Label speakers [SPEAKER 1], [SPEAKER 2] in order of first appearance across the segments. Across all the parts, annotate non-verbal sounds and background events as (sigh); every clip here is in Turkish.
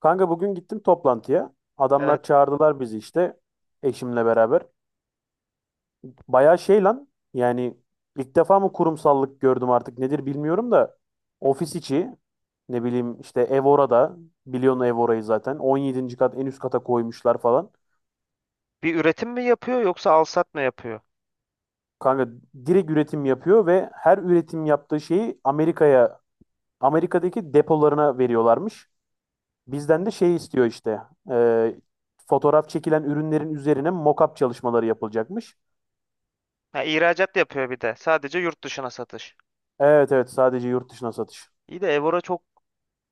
[SPEAKER 1] Kanka bugün gittim toplantıya.
[SPEAKER 2] Evet.
[SPEAKER 1] Adamlar çağırdılar bizi işte eşimle beraber. Bayağı şey lan yani ilk defa mı kurumsallık gördüm artık nedir bilmiyorum da ofis içi ne bileyim işte ev orada biliyorsun ev orayı zaten 17. kat en üst kata koymuşlar falan.
[SPEAKER 2] Bir üretim mi yapıyor yoksa alsat mı yapıyor?
[SPEAKER 1] Kanka direkt üretim yapıyor ve her üretim yaptığı şeyi Amerika'daki depolarına veriyorlarmış. Bizden de şey istiyor işte e, fotoğraf çekilen ürünlerin üzerine mock-up çalışmaları yapılacakmış.
[SPEAKER 2] Ha, ihracat yapıyor bir de. Sadece yurt dışına satış.
[SPEAKER 1] Evet, evet, sadece yurt dışına satış.
[SPEAKER 2] İyi de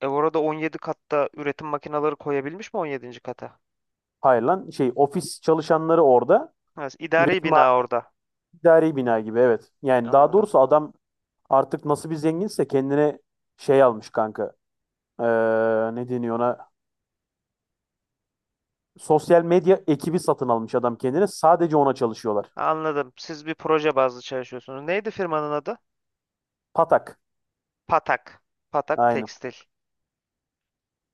[SPEAKER 2] Evora'da 17 katta üretim makineleri koyabilmiş mi 17. kata?
[SPEAKER 1] Hayır lan şey ofis çalışanları orada.
[SPEAKER 2] Ha, idari
[SPEAKER 1] Üretim
[SPEAKER 2] bina
[SPEAKER 1] hali
[SPEAKER 2] orada.
[SPEAKER 1] idari bina gibi evet. Yani daha
[SPEAKER 2] Anladım.
[SPEAKER 1] doğrusu adam artık nasıl bir zenginse kendine şey almış kanka. Ee, Ne deniyor ona? Sosyal medya ekibi satın almış adam kendine. Sadece ona çalışıyorlar.
[SPEAKER 2] Anladım. Siz bir proje bazlı çalışıyorsunuz. Neydi firmanın adı?
[SPEAKER 1] Patak.
[SPEAKER 2] Patak. Patak
[SPEAKER 1] Aynen.
[SPEAKER 2] Tekstil.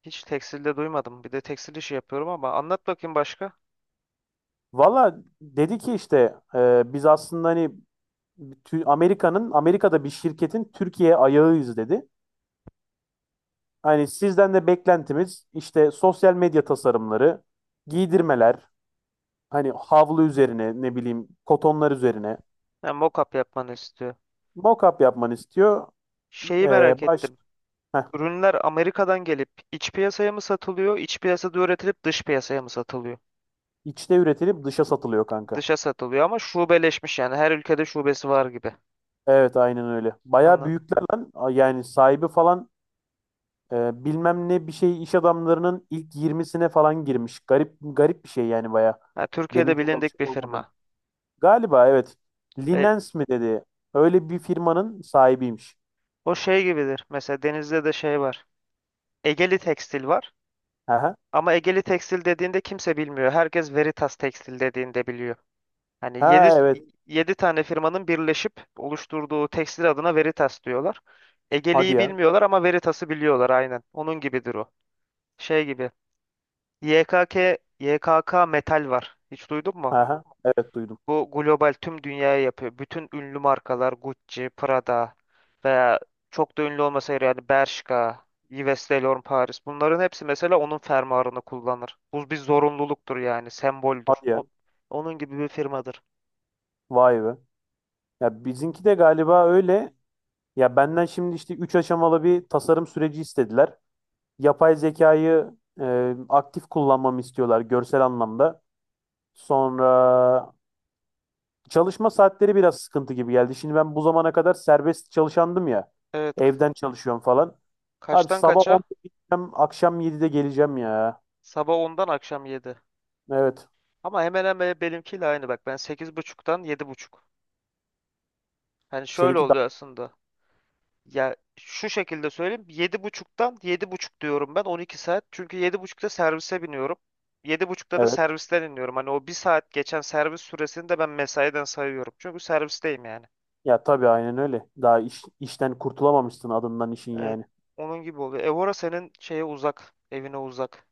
[SPEAKER 2] Hiç tekstilde duymadım. Bir de tekstil işi yapıyorum ama anlat bakayım başka.
[SPEAKER 1] Valla dedi ki işte biz aslında hani Amerika'da bir şirketin Türkiye ayağıyız dedi. Hani sizden de beklentimiz işte sosyal medya tasarımları, giydirmeler, hani havlu üzerine ne bileyim kotonlar üzerine
[SPEAKER 2] Ha, mock-up yapmanı istiyor.
[SPEAKER 1] mock-up yapmanı istiyor.
[SPEAKER 2] Şeyi merak
[SPEAKER 1] Ee, baş
[SPEAKER 2] ettim.
[SPEAKER 1] heh,
[SPEAKER 2] Ürünler Amerika'dan gelip iç piyasaya mı satılıyor, iç piyasada üretilip dış piyasaya mı satılıyor?
[SPEAKER 1] içte üretilip dışa satılıyor kanka.
[SPEAKER 2] Dışa satılıyor ama şubeleşmiş yani, her ülkede şubesi var gibi.
[SPEAKER 1] Evet aynen öyle. Bayağı
[SPEAKER 2] Anladım.
[SPEAKER 1] büyükler lan. Yani sahibi falan bilmem ne bir şey iş adamlarının ilk 20'sine falan girmiş. Garip garip bir şey yani bayağı.
[SPEAKER 2] Ha,
[SPEAKER 1] Benim
[SPEAKER 2] Türkiye'de
[SPEAKER 1] çok
[SPEAKER 2] bilindik bir
[SPEAKER 1] alışık olmadığım.
[SPEAKER 2] firma.
[SPEAKER 1] Galiba evet.
[SPEAKER 2] E,
[SPEAKER 1] Linens mi dedi. Öyle bir firmanın sahibiymiş.
[SPEAKER 2] o şey gibidir. Mesela Denizli'de de şey var. Egeli Tekstil var.
[SPEAKER 1] Aha.
[SPEAKER 2] Ama Egeli Tekstil dediğinde kimse bilmiyor. Herkes Veritas Tekstil dediğinde biliyor. Hani yedi
[SPEAKER 1] Ha, evet.
[SPEAKER 2] yedi tane firmanın birleşip oluşturduğu tekstil adına Veritas diyorlar.
[SPEAKER 1] Hadi
[SPEAKER 2] Egeli'yi
[SPEAKER 1] ya.
[SPEAKER 2] bilmiyorlar ama Veritas'ı biliyorlar, aynen. Onun gibidir o. Şey gibi. YKK, YKK Metal var. Hiç duydun mu?
[SPEAKER 1] Aha, evet, duydum.
[SPEAKER 2] Bu global tüm dünyaya yapıyor. Bütün ünlü markalar Gucci, Prada veya çok da ünlü olmasaydı yani Bershka, Yves Saint Laurent Paris. Bunların hepsi mesela onun fermuarını kullanır. Bu bir zorunluluktur yani, semboldür.
[SPEAKER 1] Hadi ya.
[SPEAKER 2] Onun gibi bir firmadır.
[SPEAKER 1] Vay be. Ya bizimki de galiba öyle. Ya benden şimdi işte 3 aşamalı bir tasarım süreci istediler. Yapay zekayı aktif kullanmamı istiyorlar görsel anlamda. Sonra çalışma saatleri biraz sıkıntı gibi geldi. Şimdi ben bu zamana kadar serbest çalışandım ya.
[SPEAKER 2] Evet.
[SPEAKER 1] Evden çalışıyorum falan. Abi
[SPEAKER 2] Kaçtan
[SPEAKER 1] sabah onda
[SPEAKER 2] kaça?
[SPEAKER 1] gideceğim, akşam 7'de geleceğim ya.
[SPEAKER 2] Sabah ondan akşam 7.
[SPEAKER 1] Evet.
[SPEAKER 2] Ama hemen hemen benimkiyle aynı bak. Ben sekiz buçuktan yedi buçuk. Yani şöyle
[SPEAKER 1] Seninki
[SPEAKER 2] oluyor
[SPEAKER 1] daha...
[SPEAKER 2] aslında. Ya şu şekilde söyleyeyim. Yedi buçuktan yedi buçuk diyorum ben 12 saat. Çünkü yedi buçukta servise biniyorum. Yedi buçukta da
[SPEAKER 1] Evet.
[SPEAKER 2] servisten iniyorum. Hani o bir saat geçen servis süresini de ben mesaiden sayıyorum. Çünkü servisteyim yani.
[SPEAKER 1] Ya tabii aynen öyle. Daha işten kurtulamamışsın adından işin
[SPEAKER 2] Evet.
[SPEAKER 1] yani.
[SPEAKER 2] Onun gibi oluyor. Evora senin şeye uzak. Evine uzak.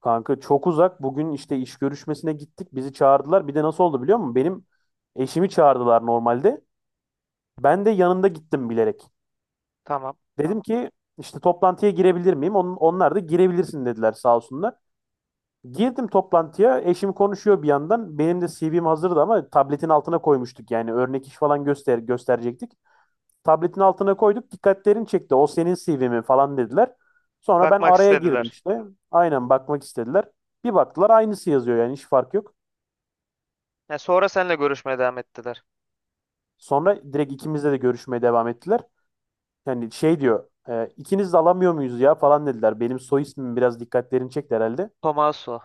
[SPEAKER 1] Kanka çok uzak. Bugün işte iş görüşmesine gittik. Bizi çağırdılar. Bir de nasıl oldu biliyor musun? Benim eşimi çağırdılar normalde. Ben de yanında gittim bilerek.
[SPEAKER 2] Tamam.
[SPEAKER 1] Dedim ki işte toplantıya girebilir miyim? Onlar da girebilirsin dediler sağ olsunlar. Girdim toplantıya. Eşim konuşuyor bir yandan. Benim de CV'm hazırdı ama tabletin altına koymuştuk. Yani örnek iş falan gösterecektik. Tabletin altına koyduk. Dikkatlerini çekti. O senin CV mi falan dediler. Sonra ben
[SPEAKER 2] Bakmak
[SPEAKER 1] araya girdim
[SPEAKER 2] istediler.
[SPEAKER 1] işte. Aynen, bakmak istediler. Bir baktılar aynısı yazıyor yani hiç fark yok.
[SPEAKER 2] Ya sonra seninle görüşmeye devam ettiler.
[SPEAKER 1] Sonra direkt ikimizle de görüşmeye devam ettiler. Yani şey diyor ikiniz de alamıyor muyuz ya falan dediler. Benim soy ismim biraz dikkatlerini çekti herhalde.
[SPEAKER 2] Tomaso.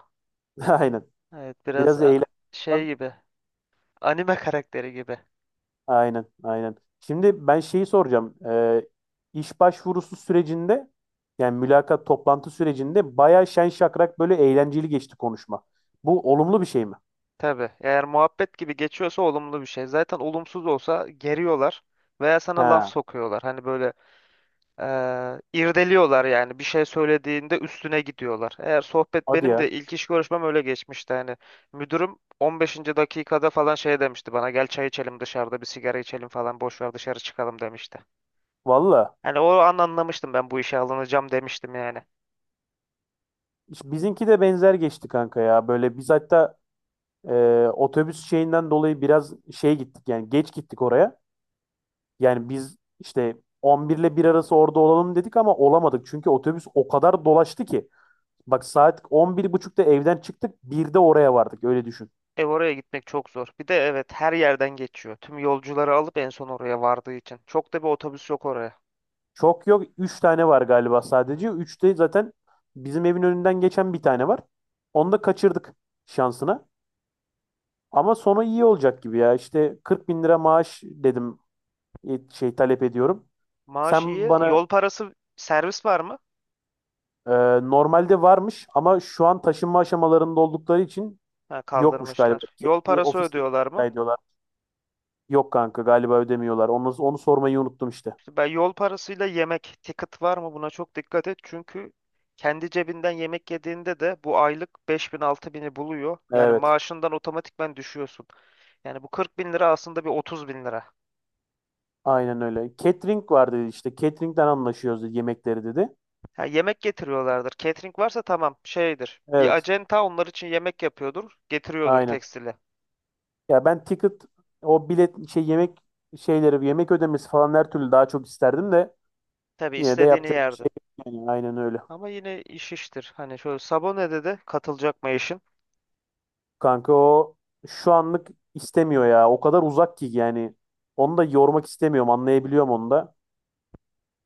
[SPEAKER 1] (laughs) Aynen.
[SPEAKER 2] Evet, biraz
[SPEAKER 1] Biraz da eğlen.
[SPEAKER 2] şey gibi. Anime karakteri gibi.
[SPEAKER 1] Aynen, aynen. Şimdi ben şeyi soracağım. İş başvurusu sürecinde yani mülakat toplantı sürecinde bayağı şen şakrak böyle eğlenceli geçti konuşma. Bu olumlu bir şey mi?
[SPEAKER 2] Tabii. Eğer muhabbet gibi geçiyorsa olumlu bir şey. Zaten olumsuz olsa geriyorlar veya sana laf
[SPEAKER 1] Ha,
[SPEAKER 2] sokuyorlar. Hani böyle, irdeliyorlar yani, bir şey söylediğinde üstüne gidiyorlar. Eğer sohbet
[SPEAKER 1] hadi
[SPEAKER 2] benim
[SPEAKER 1] ya.
[SPEAKER 2] de ilk iş görüşmem öyle geçmişti. Hani müdürüm 15. dakikada falan şey demişti bana, gel çay içelim, dışarıda bir sigara içelim falan, boş ver dışarı çıkalım demişti.
[SPEAKER 1] Valla.
[SPEAKER 2] Hani o an anlamıştım, ben bu işe alınacağım demiştim yani.
[SPEAKER 1] Bizimki de benzer geçti kanka ya. Böyle biz hatta otobüs şeyinden dolayı biraz şey gittik yani geç gittik oraya. Yani biz işte 11 ile 1 arası orada olalım dedik ama olamadık. Çünkü otobüs o kadar dolaştı ki. Bak saat 11.30'da evden çıktık. 1'de oraya vardık. Öyle düşün.
[SPEAKER 2] E oraya gitmek çok zor. Bir de evet, her yerden geçiyor. Tüm yolcuları alıp en son oraya vardığı için. Çok da bir otobüs yok oraya.
[SPEAKER 1] Çok yok. Üç tane var galiba
[SPEAKER 2] Ha.
[SPEAKER 1] sadece. Üçte zaten bizim evin önünden geçen bir tane var. Onu da kaçırdık şansına. Ama sonu iyi olacak gibi ya. İşte 40 bin lira maaş dedim şey talep ediyorum.
[SPEAKER 2] Maaş
[SPEAKER 1] Sen
[SPEAKER 2] iyi.
[SPEAKER 1] bana
[SPEAKER 2] Yol parası, servis var mı?
[SPEAKER 1] e, normalde varmış ama şu an taşınma aşamalarında oldukları için
[SPEAKER 2] Ha,
[SPEAKER 1] yokmuş galiba.
[SPEAKER 2] kaldırmışlar. Yol
[SPEAKER 1] Kendi
[SPEAKER 2] parası
[SPEAKER 1] ofisleri
[SPEAKER 2] ödüyorlar
[SPEAKER 1] rica
[SPEAKER 2] mı?
[SPEAKER 1] ediyorlar. Yok kanka galiba ödemiyorlar. Onu sormayı unuttum işte.
[SPEAKER 2] İşte ben yol parasıyla yemek, ticket var mı? Buna çok dikkat et. Çünkü kendi cebinden yemek yediğinde de bu aylık beş bin altı bini buluyor. Yani
[SPEAKER 1] Evet.
[SPEAKER 2] maaşından otomatikmen düşüyorsun. Yani bu 40.000 lira aslında bir 30.000 lira.
[SPEAKER 1] Aynen öyle. Catering var dedi işte. Catering'den anlaşıyoruz dedi, yemekleri dedi.
[SPEAKER 2] Ha, yemek getiriyorlardır. Catering varsa tamam şeydir. Bir
[SPEAKER 1] Evet.
[SPEAKER 2] acenta onlar için yemek yapıyordur. Getiriyordur
[SPEAKER 1] Aynen.
[SPEAKER 2] tekstili.
[SPEAKER 1] Ya ben ticket o bilet şey yemek şeyleri yemek ödemesi falan her türlü daha çok isterdim de
[SPEAKER 2] Tabii
[SPEAKER 1] yine de
[SPEAKER 2] istediğini
[SPEAKER 1] yapacak bir şey
[SPEAKER 2] yerdin.
[SPEAKER 1] yok yani. Aynen öyle.
[SPEAKER 2] Ama yine iş iştir. Hani şöyle, Sabone'de de katılacak mı eşin?
[SPEAKER 1] Kanka o şu anlık istemiyor ya. O kadar uzak ki yani. Onu da yormak istemiyorum. Anlayabiliyorum onu da.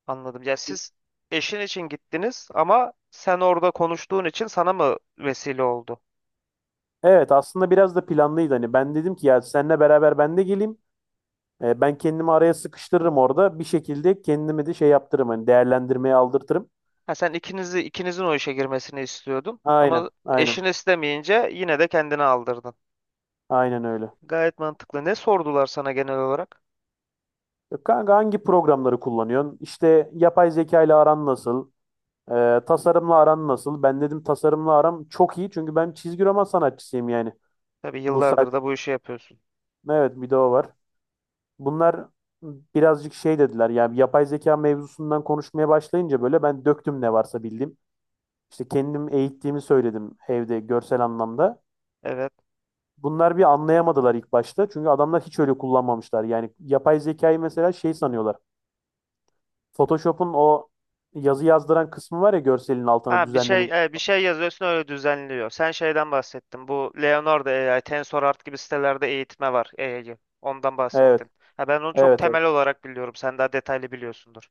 [SPEAKER 2] Anladım. Ya siz eşin için gittiniz ama sen orada konuştuğun için sana mı vesile oldu?
[SPEAKER 1] Evet aslında biraz da planlıydı. Hani ben dedim ki ya seninle beraber ben de geleyim. Ben kendimi araya sıkıştırırım orada. Bir şekilde kendimi de şey yaptırırım. Hani değerlendirmeye aldırtırım.
[SPEAKER 2] Ha, sen ikinizi ikinizin o işe girmesini istiyordun
[SPEAKER 1] Aynen,
[SPEAKER 2] ama eşin
[SPEAKER 1] aynen.
[SPEAKER 2] istemeyince yine de kendini aldırdın.
[SPEAKER 1] Aynen öyle.
[SPEAKER 2] Gayet mantıklı. Ne sordular sana genel olarak?
[SPEAKER 1] Kanka hangi programları kullanıyorsun? İşte yapay zeka ile aran nasıl? Tasarımla aran nasıl? Ben dedim tasarımla aram çok iyi. Çünkü ben çizgi roman sanatçısıyım yani.
[SPEAKER 2] Tabii
[SPEAKER 1] Bu saat.
[SPEAKER 2] yıllardır da bu işi yapıyorsun.
[SPEAKER 1] Evet bir de o var. Bunlar birazcık şey dediler. Yani yapay zeka mevzusundan konuşmaya başlayınca böyle ben döktüm ne varsa bildiğim. İşte kendim eğittiğimi söyledim evde görsel anlamda.
[SPEAKER 2] Evet.
[SPEAKER 1] Bunlar bir anlayamadılar ilk başta. Çünkü adamlar hiç öyle kullanmamışlar. Yani yapay zekayı mesela şey sanıyorlar. Photoshop'un o yazı yazdıran kısmı var ya görselin altına
[SPEAKER 2] Ha
[SPEAKER 1] düzenleme.
[SPEAKER 2] bir şey yazıyorsun, öyle düzenliyor. Sen şeyden bahsettin. Bu Leonardo AI, TensorRT gibi sitelerde eğitme var AI'yı. Ondan
[SPEAKER 1] Evet,
[SPEAKER 2] bahsettin. Ha, ben onu çok
[SPEAKER 1] evet, evet.
[SPEAKER 2] temel olarak biliyorum. Sen daha detaylı biliyorsundur.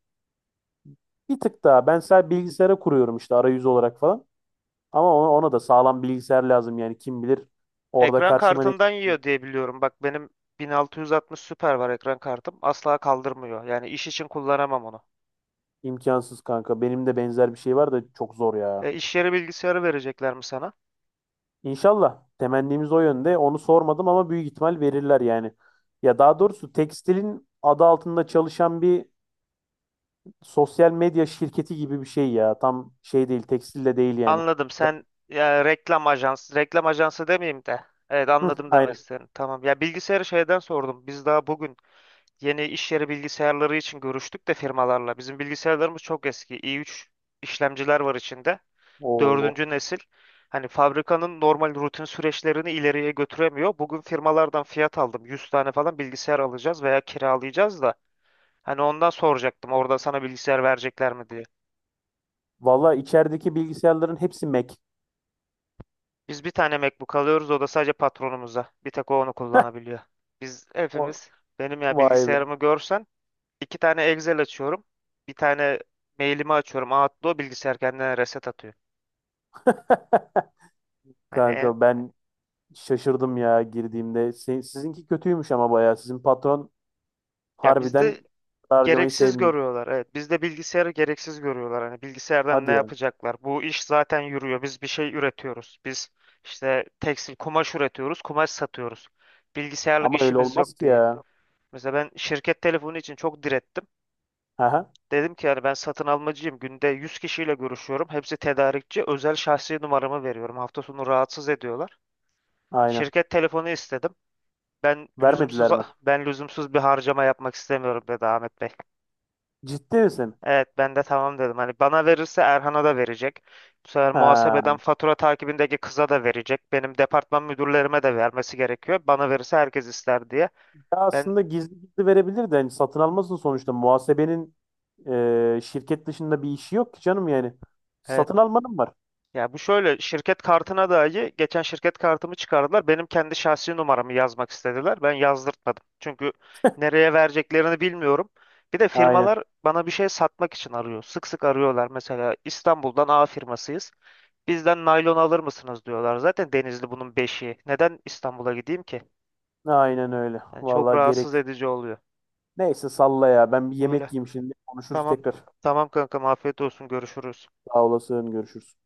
[SPEAKER 1] Bir tık daha. Ben sadece bilgisayara kuruyorum işte arayüz olarak falan. Ama ona da sağlam bilgisayar lazım yani kim bilir orada
[SPEAKER 2] Ekran
[SPEAKER 1] karşıma ne
[SPEAKER 2] kartından yiyor
[SPEAKER 1] çıkacak.
[SPEAKER 2] diye biliyorum. Bak benim 1660 Super var ekran kartım. Asla kaldırmıyor. Yani iş için kullanamam onu.
[SPEAKER 1] İmkansız kanka. Benim de benzer bir şey var da çok zor ya.
[SPEAKER 2] E, iş yeri bilgisayarı verecekler mi sana?
[SPEAKER 1] İnşallah temennimiz o yönde. Onu sormadım ama büyük ihtimal verirler yani. Ya daha doğrusu tekstilin adı altında çalışan bir sosyal medya şirketi gibi bir şey ya. Tam şey değil, tekstil de değil yani.
[SPEAKER 2] Anladım.
[SPEAKER 1] Ga-
[SPEAKER 2] Ya, reklam ajansı, reklam ajansı demeyeyim de. Evet,
[SPEAKER 1] Hı,
[SPEAKER 2] anladım demek
[SPEAKER 1] aynen.
[SPEAKER 2] istedim. Tamam. Ya bilgisayarı şeyden sordum. Biz daha bugün yeni iş yeri bilgisayarları için görüştük de firmalarla. Bizim bilgisayarlarımız çok eski. i3 işlemciler var içinde.
[SPEAKER 1] Oo.
[SPEAKER 2] Dördüncü nesil. Hani fabrikanın normal rutin süreçlerini ileriye götüremiyor. Bugün firmalardan fiyat aldım. 100 tane falan bilgisayar alacağız veya kiralayacağız da. Hani ondan soracaktım orada, sana bilgisayar verecekler mi diye.
[SPEAKER 1] Valla içerideki bilgisayarların hepsi Mac.
[SPEAKER 2] Biz bir tane MacBook alıyoruz, o da sadece patronumuza. Bir tek o onu kullanabiliyor. Biz
[SPEAKER 1] O,
[SPEAKER 2] hepimiz, benim ya
[SPEAKER 1] vay be.
[SPEAKER 2] bilgisayarımı görsen, İki tane Excel açıyorum. Bir tane mailimi açıyorum. Outlook bilgisayar kendine reset atıyor.
[SPEAKER 1] (laughs)
[SPEAKER 2] Hani
[SPEAKER 1] Kanka ben şaşırdım ya girdiğimde. Sizinki kötüymüş ama bayağı. Sizin patron
[SPEAKER 2] ya
[SPEAKER 1] harbiden
[SPEAKER 2] bizde
[SPEAKER 1] harcamayı
[SPEAKER 2] gereksiz
[SPEAKER 1] sevmiyor.
[SPEAKER 2] görüyorlar. Evet, bizde bilgisayarı gereksiz görüyorlar. Hani bilgisayardan ne
[SPEAKER 1] Hadi ya.
[SPEAKER 2] yapacaklar? Bu iş zaten yürüyor. Biz bir şey üretiyoruz. Biz işte tekstil kumaş üretiyoruz, kumaş satıyoruz. Bilgisayarlık
[SPEAKER 1] Ama öyle
[SPEAKER 2] işimiz
[SPEAKER 1] olmaz
[SPEAKER 2] yok
[SPEAKER 1] ki
[SPEAKER 2] diye.
[SPEAKER 1] ya.
[SPEAKER 2] Mesela ben şirket telefonu için çok direttim.
[SPEAKER 1] Aha,
[SPEAKER 2] Dedim ki yani ben satın almacıyım. Günde 100 kişiyle görüşüyorum. Hepsi tedarikçi. Özel şahsi numaramı veriyorum. Hafta sonu rahatsız ediyorlar.
[SPEAKER 1] aynen.
[SPEAKER 2] Şirket telefonu istedim. Ben lüzumsuz
[SPEAKER 1] Vermediler mi?
[SPEAKER 2] (laughs) Ben lüzumsuz bir harcama yapmak istemiyorum dedi Ahmet Bey.
[SPEAKER 1] Ciddi misin?
[SPEAKER 2] Evet, ben de tamam dedim. Hani bana verirse Erhan'a da verecek. Bu sefer
[SPEAKER 1] Ha.
[SPEAKER 2] muhasebeden fatura takibindeki kıza da verecek. Benim departman müdürlerime de vermesi gerekiyor. Bana verirse herkes ister diye.
[SPEAKER 1] Ya
[SPEAKER 2] Ben
[SPEAKER 1] aslında gizli gizli verebilir de hani satın almasın sonuçta. Muhasebenin şirket dışında bir işi yok ki canım yani.
[SPEAKER 2] evet.
[SPEAKER 1] Satın almanın var.
[SPEAKER 2] Ya bu şöyle, şirket kartına dahi geçen şirket kartımı çıkardılar. Benim kendi şahsi numaramı yazmak istediler. Ben yazdırtmadım. Çünkü nereye vereceklerini bilmiyorum. Bir de
[SPEAKER 1] Aynen.
[SPEAKER 2] firmalar bana bir şey satmak için arıyor. Sık sık arıyorlar. Mesela İstanbul'dan A firmasıyız, bizden naylon alır mısınız diyorlar. Zaten Denizli bunun beşiği. Neden İstanbul'a gideyim ki?
[SPEAKER 1] Aynen öyle.
[SPEAKER 2] Yani çok
[SPEAKER 1] Vallahi
[SPEAKER 2] rahatsız
[SPEAKER 1] gerekli.
[SPEAKER 2] edici oluyor.
[SPEAKER 1] Neyse salla ya. Ben bir
[SPEAKER 2] Böyle.
[SPEAKER 1] yemek yiyeyim şimdi. Konuşuruz
[SPEAKER 2] Tamam.
[SPEAKER 1] tekrar.
[SPEAKER 2] Tamam kankam, afiyet olsun. Görüşürüz.
[SPEAKER 1] Sağ olasın. Görüşürüz.